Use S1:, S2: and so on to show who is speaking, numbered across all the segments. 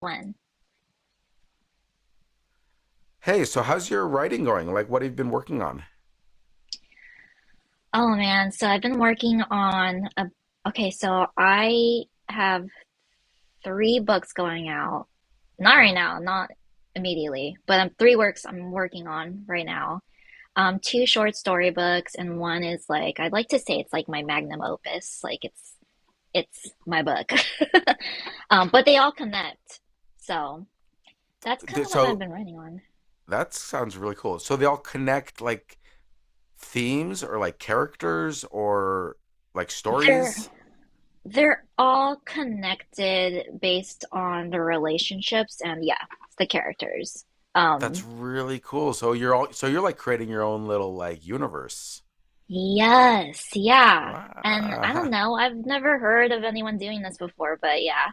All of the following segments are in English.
S1: When?
S2: Hey, so how's your writing going? Like, what have you been working on?
S1: Oh man, so I've been working on a Okay, so I have three books going out. Not right
S2: Wow.
S1: now, not immediately, but three works I'm working on right now. Two short story books and one is like I'd like to say it's like my magnum opus, like it's my book. But they all connect. So that's kind
S2: Th-
S1: of what I've
S2: So
S1: been writing on.
S2: that sounds really cool. So they all connect like themes or like characters or like
S1: They're
S2: stories.
S1: They're all connected based on the relationships and, yeah, the characters.
S2: That's
S1: Um,
S2: really cool. So you're all so you're like creating your own little like universe.
S1: yes, yeah. And I
S2: Wow.
S1: don't know, I've never heard of anyone doing this before, but yeah.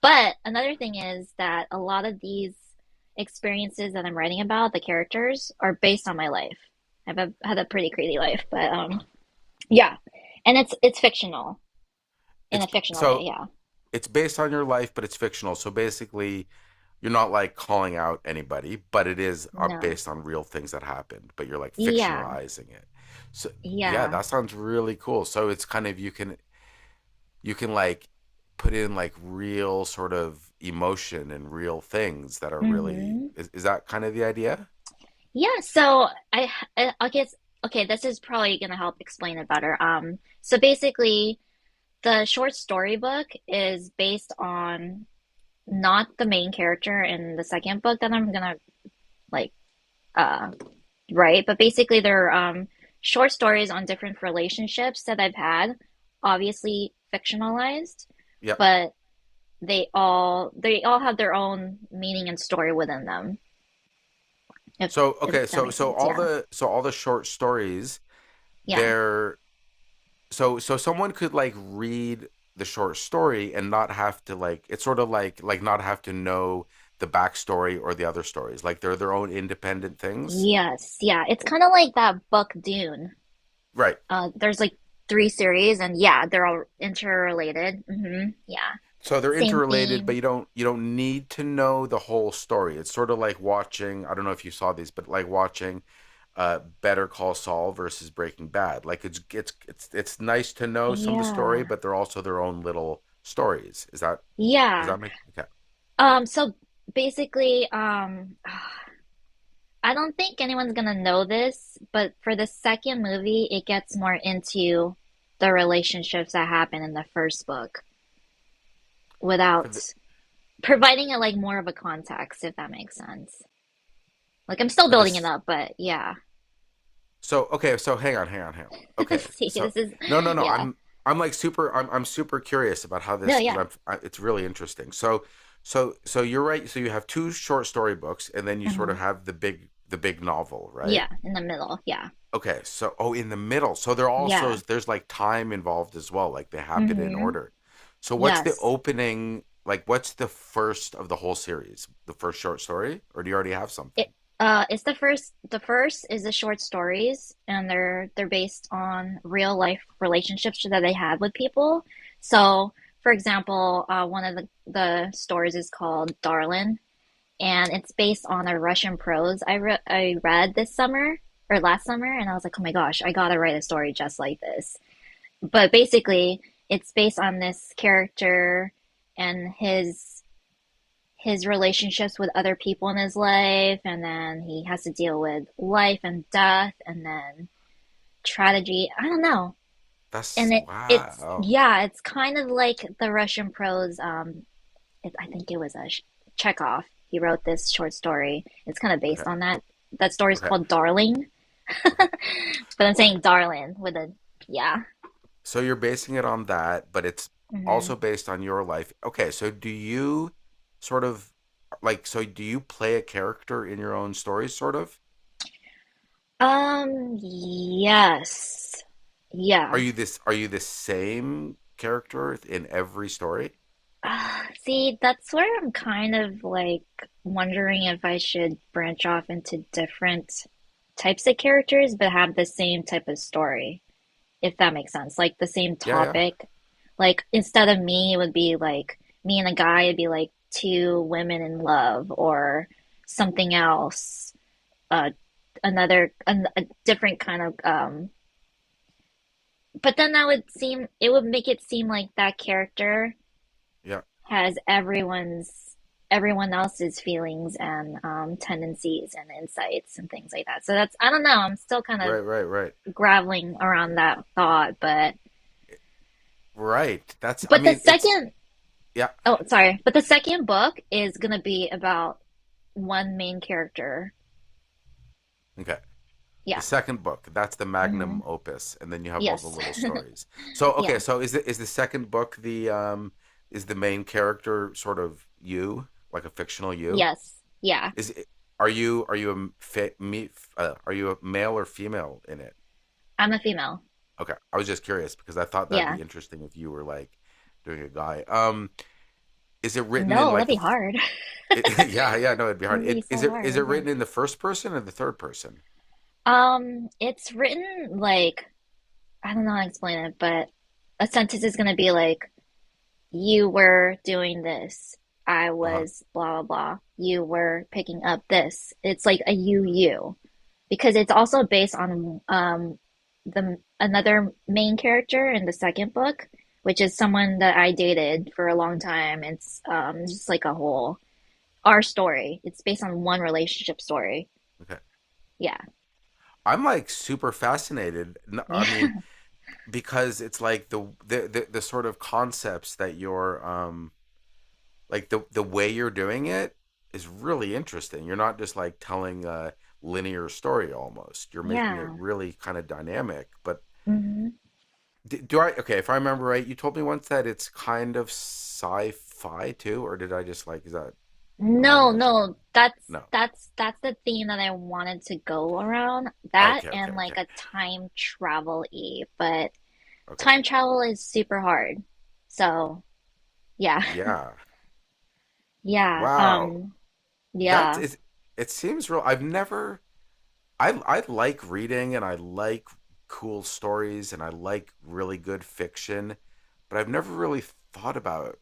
S1: But another thing is that a lot of these experiences that I'm writing about, the characters, are based on my life. I've had a pretty crazy life, but yeah. And it's fictional in
S2: It's
S1: a fictional way,
S2: so
S1: yeah.
S2: it's based on your life, but it's fictional. So basically, you're not like calling out anybody, but it is
S1: No.
S2: based on real things that happened, but you're like
S1: Yeah.
S2: fictionalizing it. So yeah,
S1: Yeah.
S2: that sounds really cool. So it's kind of you can like put in like real sort of emotion and real things that are really.
S1: Mm-hmm.
S2: Is that kind of the idea?
S1: Yeah, so I guess okay, this is probably gonna help explain it better. So basically, the short story book is based on not the main character in the second book that I'm gonna like uh write, but basically they're short stories on different relationships that I've had, obviously fictionalized,
S2: Yeah.
S1: but they all have their own meaning and story within them, if
S2: So
S1: if
S2: okay,
S1: that makes sense.
S2: all
S1: Yeah.
S2: the short stories,
S1: Yeah.
S2: they're so so someone could like read the short story and not have to like it's sort of like not have to know the backstory or the other stories, like they're their own independent things,
S1: Yes, yeah. It's kind of like that book Dune.
S2: right.
S1: There's like three series, and yeah, they're all interrelated. Hmm. Yeah,
S2: So they're
S1: same
S2: interrelated, but
S1: theme.
S2: you don't need to know the whole story. It's sort of like watching, I don't know if you saw these, but like watching Better Call Saul versus Breaking Bad. Like it's nice to know some of the story,
S1: Yeah,
S2: but they're also their own little stories. Is that, does
S1: yeah.
S2: that make, okay,
S1: So basically, I don't think anyone's gonna know this, but for the second movie, it gets more into the relationships that happen in the first book
S2: for
S1: without
S2: the
S1: providing it like more of a context, if that makes sense. Like I'm still
S2: for
S1: building it
S2: this.
S1: up, but yeah.
S2: So okay, so hang on, hang on, hang on. Okay,
S1: See,
S2: so
S1: this is,
S2: no, no, no.
S1: yeah.
S2: I'm like super. I'm super curious about how
S1: No,
S2: this because
S1: yeah.
S2: I'm. It's really interesting. So so you're right. So you have two short story books, and then you sort
S1: Hmm.
S2: of have the big novel, right?
S1: Yeah, in the middle. Yeah.
S2: Okay, so oh, in the middle. So they're also
S1: Yeah.
S2: there's like time involved as well. Like they happen in
S1: Hmm.
S2: order. So what's the
S1: Yes.
S2: opening? Like what's the first of the whole series? The first short story, or do you already have something?
S1: It it's the first is the short stories and they're based on real life relationships that they had with people. So, for example, one of the stories is called Darlin and it's based on a Russian prose I re I read this summer or last summer and I was like, "Oh my gosh, I gotta write a story just like this." But basically it's based on this character and his relationships with other people in his life and then he has to deal with life and death and then tragedy, I don't know.
S2: That's
S1: And it's
S2: wow.
S1: yeah, it's kind of like the Russian prose. I think it was a Chekhov. He wrote this short story. It's kind of based
S2: Okay,
S1: on that. That story is
S2: okay,
S1: called Darling.
S2: okay.
S1: But I'm saying Darling with a, yeah.
S2: So you're basing it on that, but it's
S1: Mm-hmm.
S2: also based on your life. Okay, so do you sort of like, so do you play a character in your own stories, sort of?
S1: Yes.
S2: Are
S1: Yeah.
S2: you this are you the same character in every story?
S1: See, that's where I'm kind of like wondering if I should branch off into different types of characters but have the same type of story, if that makes sense. Like the same
S2: Yeah, yeah.
S1: topic. Like instead of me, it would be like me and a guy, it'd be like two women in love or something else. Uh, a different kind of, um. But then that would seem it would make it seem like that character
S2: Yeah.
S1: has everyone else's feelings and, tendencies and insights and things like that. So that's, I don't know, I'm still kind
S2: Right,
S1: of
S2: right, right.
S1: graveling around that thought,
S2: Right. That's, I
S1: but the
S2: mean, it's,
S1: second
S2: yeah.
S1: oh sorry, but the second book is gonna be about one main character.
S2: Okay. The
S1: Yeah.
S2: second book, that's the
S1: Hmm.
S2: magnum opus, and then you have all the
S1: Yes.
S2: little stories. So
S1: Yeah.
S2: okay, so is the second book, the is the main character sort of you, like a fictional you?
S1: Yes. Yeah.
S2: Is it, are you a me are you a male or female in it?
S1: I'm a female.
S2: Okay, I was just curious because I thought that'd
S1: Yeah.
S2: be interesting if you were like doing a guy. Is it written in
S1: No, that'd
S2: like
S1: be
S2: the?
S1: hard.
S2: It, yeah, yeah, no, it'd be
S1: That'd
S2: hard.
S1: be so
S2: Is it
S1: hard. Yeah.
S2: written in the first person or the third person?
S1: It's written like, I don't know how to explain it, but a sentence is gonna be like, you were doing this, I
S2: Uh huh.
S1: was blah blah blah, you were picking up this. It's like a you because it's also based on the another main character in the second book, which is someone that I dated for a long time. It's just like a whole our story. It's based on one relationship story.
S2: Okay,
S1: Yeah.
S2: I'm like super fascinated. I mean,
S1: Yeah.
S2: because it's like the sort of concepts that you're like the way you're doing it is really interesting. You're not just like telling a linear story almost. You're making it
S1: Yeah.
S2: really kind of dynamic. But
S1: Hmm.
S2: do I, okay? If I remember right, you told me once that it's kind of sci-fi too, or did I just like, is that am I
S1: No,
S2: imagining
S1: no,
S2: that?
S1: that's
S2: No.
S1: that's that's the theme that I wanted to go around. That
S2: Okay. Okay.
S1: and
S2: Okay.
S1: like a time travel y, but
S2: Okay.
S1: time travel is super hard. So, yeah.
S2: Yeah.
S1: Yeah.
S2: Wow. That
S1: Yeah.
S2: is. It seems real. I've never I I like reading and I like cool stories and I like really good fiction, but I've never really thought about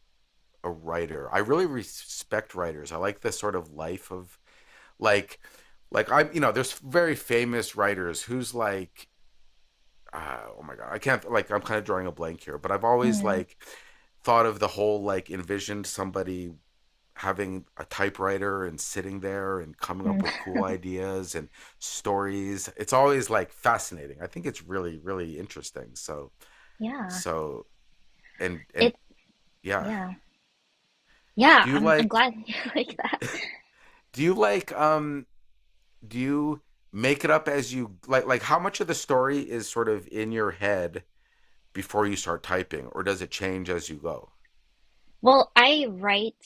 S2: a writer. I really respect writers. I like the sort of life of like like, I you know there's very famous writers who's like, oh my god, I can't, like, I'm kind of drawing a blank here, but I've always
S1: Mm,
S2: like thought of the whole like envisioned somebody having a typewriter and sitting there and coming
S1: mm,
S2: up with cool ideas and stories. It's always like fascinating. I think it's really really interesting. So
S1: yeah.
S2: so and
S1: It
S2: yeah.
S1: yeah. Yeah,
S2: do you
S1: I'm
S2: like
S1: glad you like that.
S2: do you like do you make it up as you like, how much of the story is sort of in your head before you start typing, or does it change as you go?
S1: Well, I write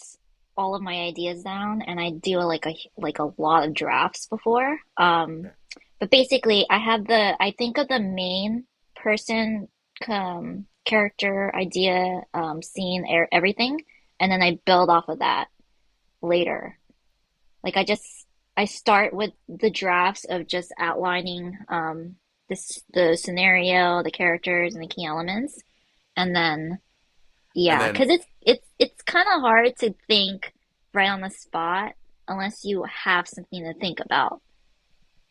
S1: all of my ideas down and I do like a lot of drafts before.
S2: Yeah.
S1: But basically I have the I think of the main person, character, idea, scene, everything, and then I build off of that later. Like I just I start with the drafts of just outlining, this the scenario, the characters and the key elements, and then
S2: And
S1: yeah,
S2: then,
S1: because it's kind of hard to think right on the spot unless you have something to think about.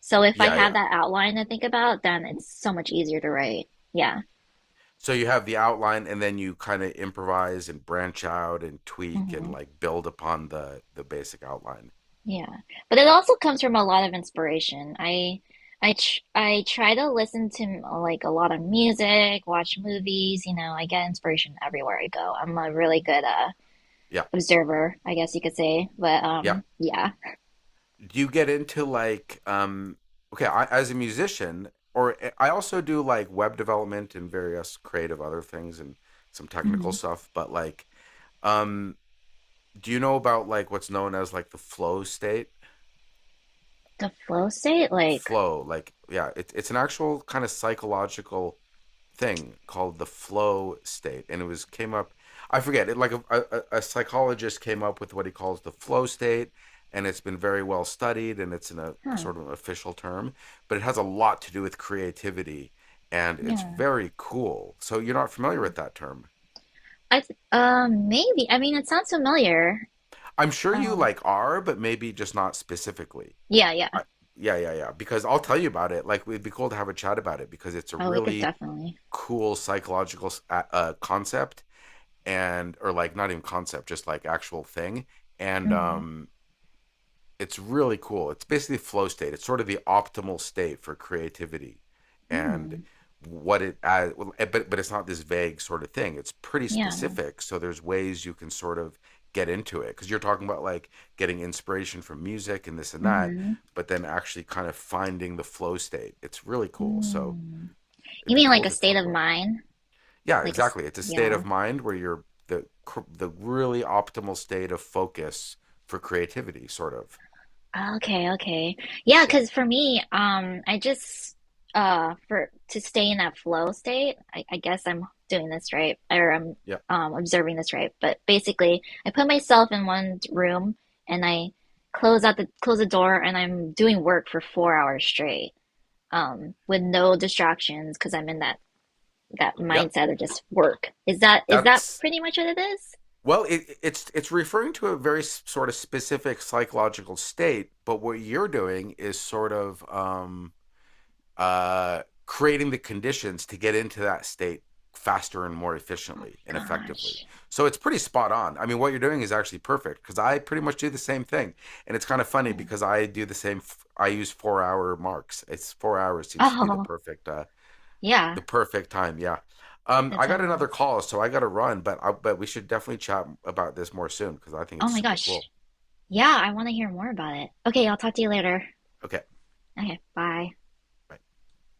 S1: So if I
S2: yeah,
S1: have
S2: yeah.
S1: that outline to think about, then it's so much easier to write. Yeah.
S2: So you have the outline, and then you kind of improvise and branch out and tweak and
S1: Hmm.
S2: like build upon the basic outline.
S1: Yeah. But it
S2: Yeah,
S1: also comes from a lot of inspiration. I try to listen to like a lot of music, watch movies, you know, I get inspiration everywhere I go. I'm a really good
S2: yeah,
S1: observer, I guess you could say. But
S2: yeah.
S1: um, yeah.
S2: Do you get into like, um? Okay, I, as a musician, or I also do like web development and various creative other things and some technical
S1: Hmm.
S2: stuff. But like, um, do you know about like what's known as like the flow state?
S1: The flow state, like,
S2: Flow, like, yeah, it's an actual kind of psychological thing called the flow state, and it was came up, I forget it, like a psychologist came up with what he calls the flow state, and it's been very well studied, and it's in a
S1: huh,
S2: sort of an official term, but it has a lot to do with creativity, and it's
S1: yeah.
S2: very cool. So you're not familiar
S1: Hmm.
S2: with that term?
S1: I th Maybe. I mean, it sounds familiar.
S2: I'm sure you
S1: Um,
S2: like are, but maybe just not specifically.
S1: yeah, yeah.
S2: I, yeah, yeah, yeah, because I'll tell you about it. Like, it'd be cool to have a chat about it because it's a
S1: Oh, we could
S2: really
S1: definitely.
S2: cool psychological, concept, and or like not even concept, just like actual thing. And
S1: Mm-hmm.
S2: it's really cool. It's basically flow state. It's sort of the optimal state for creativity, and
S1: Mm,
S2: what it well, but it's not this vague sort of thing. It's pretty
S1: yeah.
S2: specific. So there's ways you can sort of get into it because you're talking about like getting inspiration from music and this and that,
S1: Mm-hmm.
S2: but then actually kind of finding the flow state. It's really cool. So
S1: Mm.
S2: it'd
S1: You
S2: be
S1: mean
S2: cool
S1: like a
S2: to
S1: state
S2: talk
S1: of
S2: about.
S1: mind?
S2: Yeah,
S1: Like a s-
S2: exactly. It's a state of
S1: yeah.
S2: mind where you're the really optimal state of focus for creativity, sort of.
S1: Oh, okay, okay. Yeah,
S2: Yeah,
S1: because for me, I just for to stay in that flow state, I guess I'm doing this right, or I'm
S2: yeah,
S1: observing this right. But basically, I put myself in one room and I close the door and I'm doing work for 4 hours straight, with no distractions because I'm in that
S2: yeah.
S1: mindset of just work. Is that
S2: That's,
S1: pretty much what it is?
S2: well, it's referring to a very sort of specific psychological state, but what you're doing is sort of creating the conditions to get into that state faster and more
S1: Oh my
S2: efficiently and effectively.
S1: gosh.
S2: So it's pretty spot on. I mean, what you're doing is actually perfect because I pretty much do the same thing. And it's kind of funny
S1: Yeah.
S2: because I do the same. I use 4-hour marks. It's 4 hours seems to be
S1: Oh,
S2: the
S1: yeah,
S2: perfect time. Yeah.
S1: that's
S2: I
S1: how it
S2: got
S1: was.
S2: another call, so I got to run, but we should definitely chat about this more soon because I think
S1: Oh
S2: it's
S1: my
S2: super
S1: gosh.
S2: cool.
S1: Yeah, I want to hear more about it. Okay, I'll talk to you later.
S2: Okay.
S1: Okay, bye.
S2: Bye.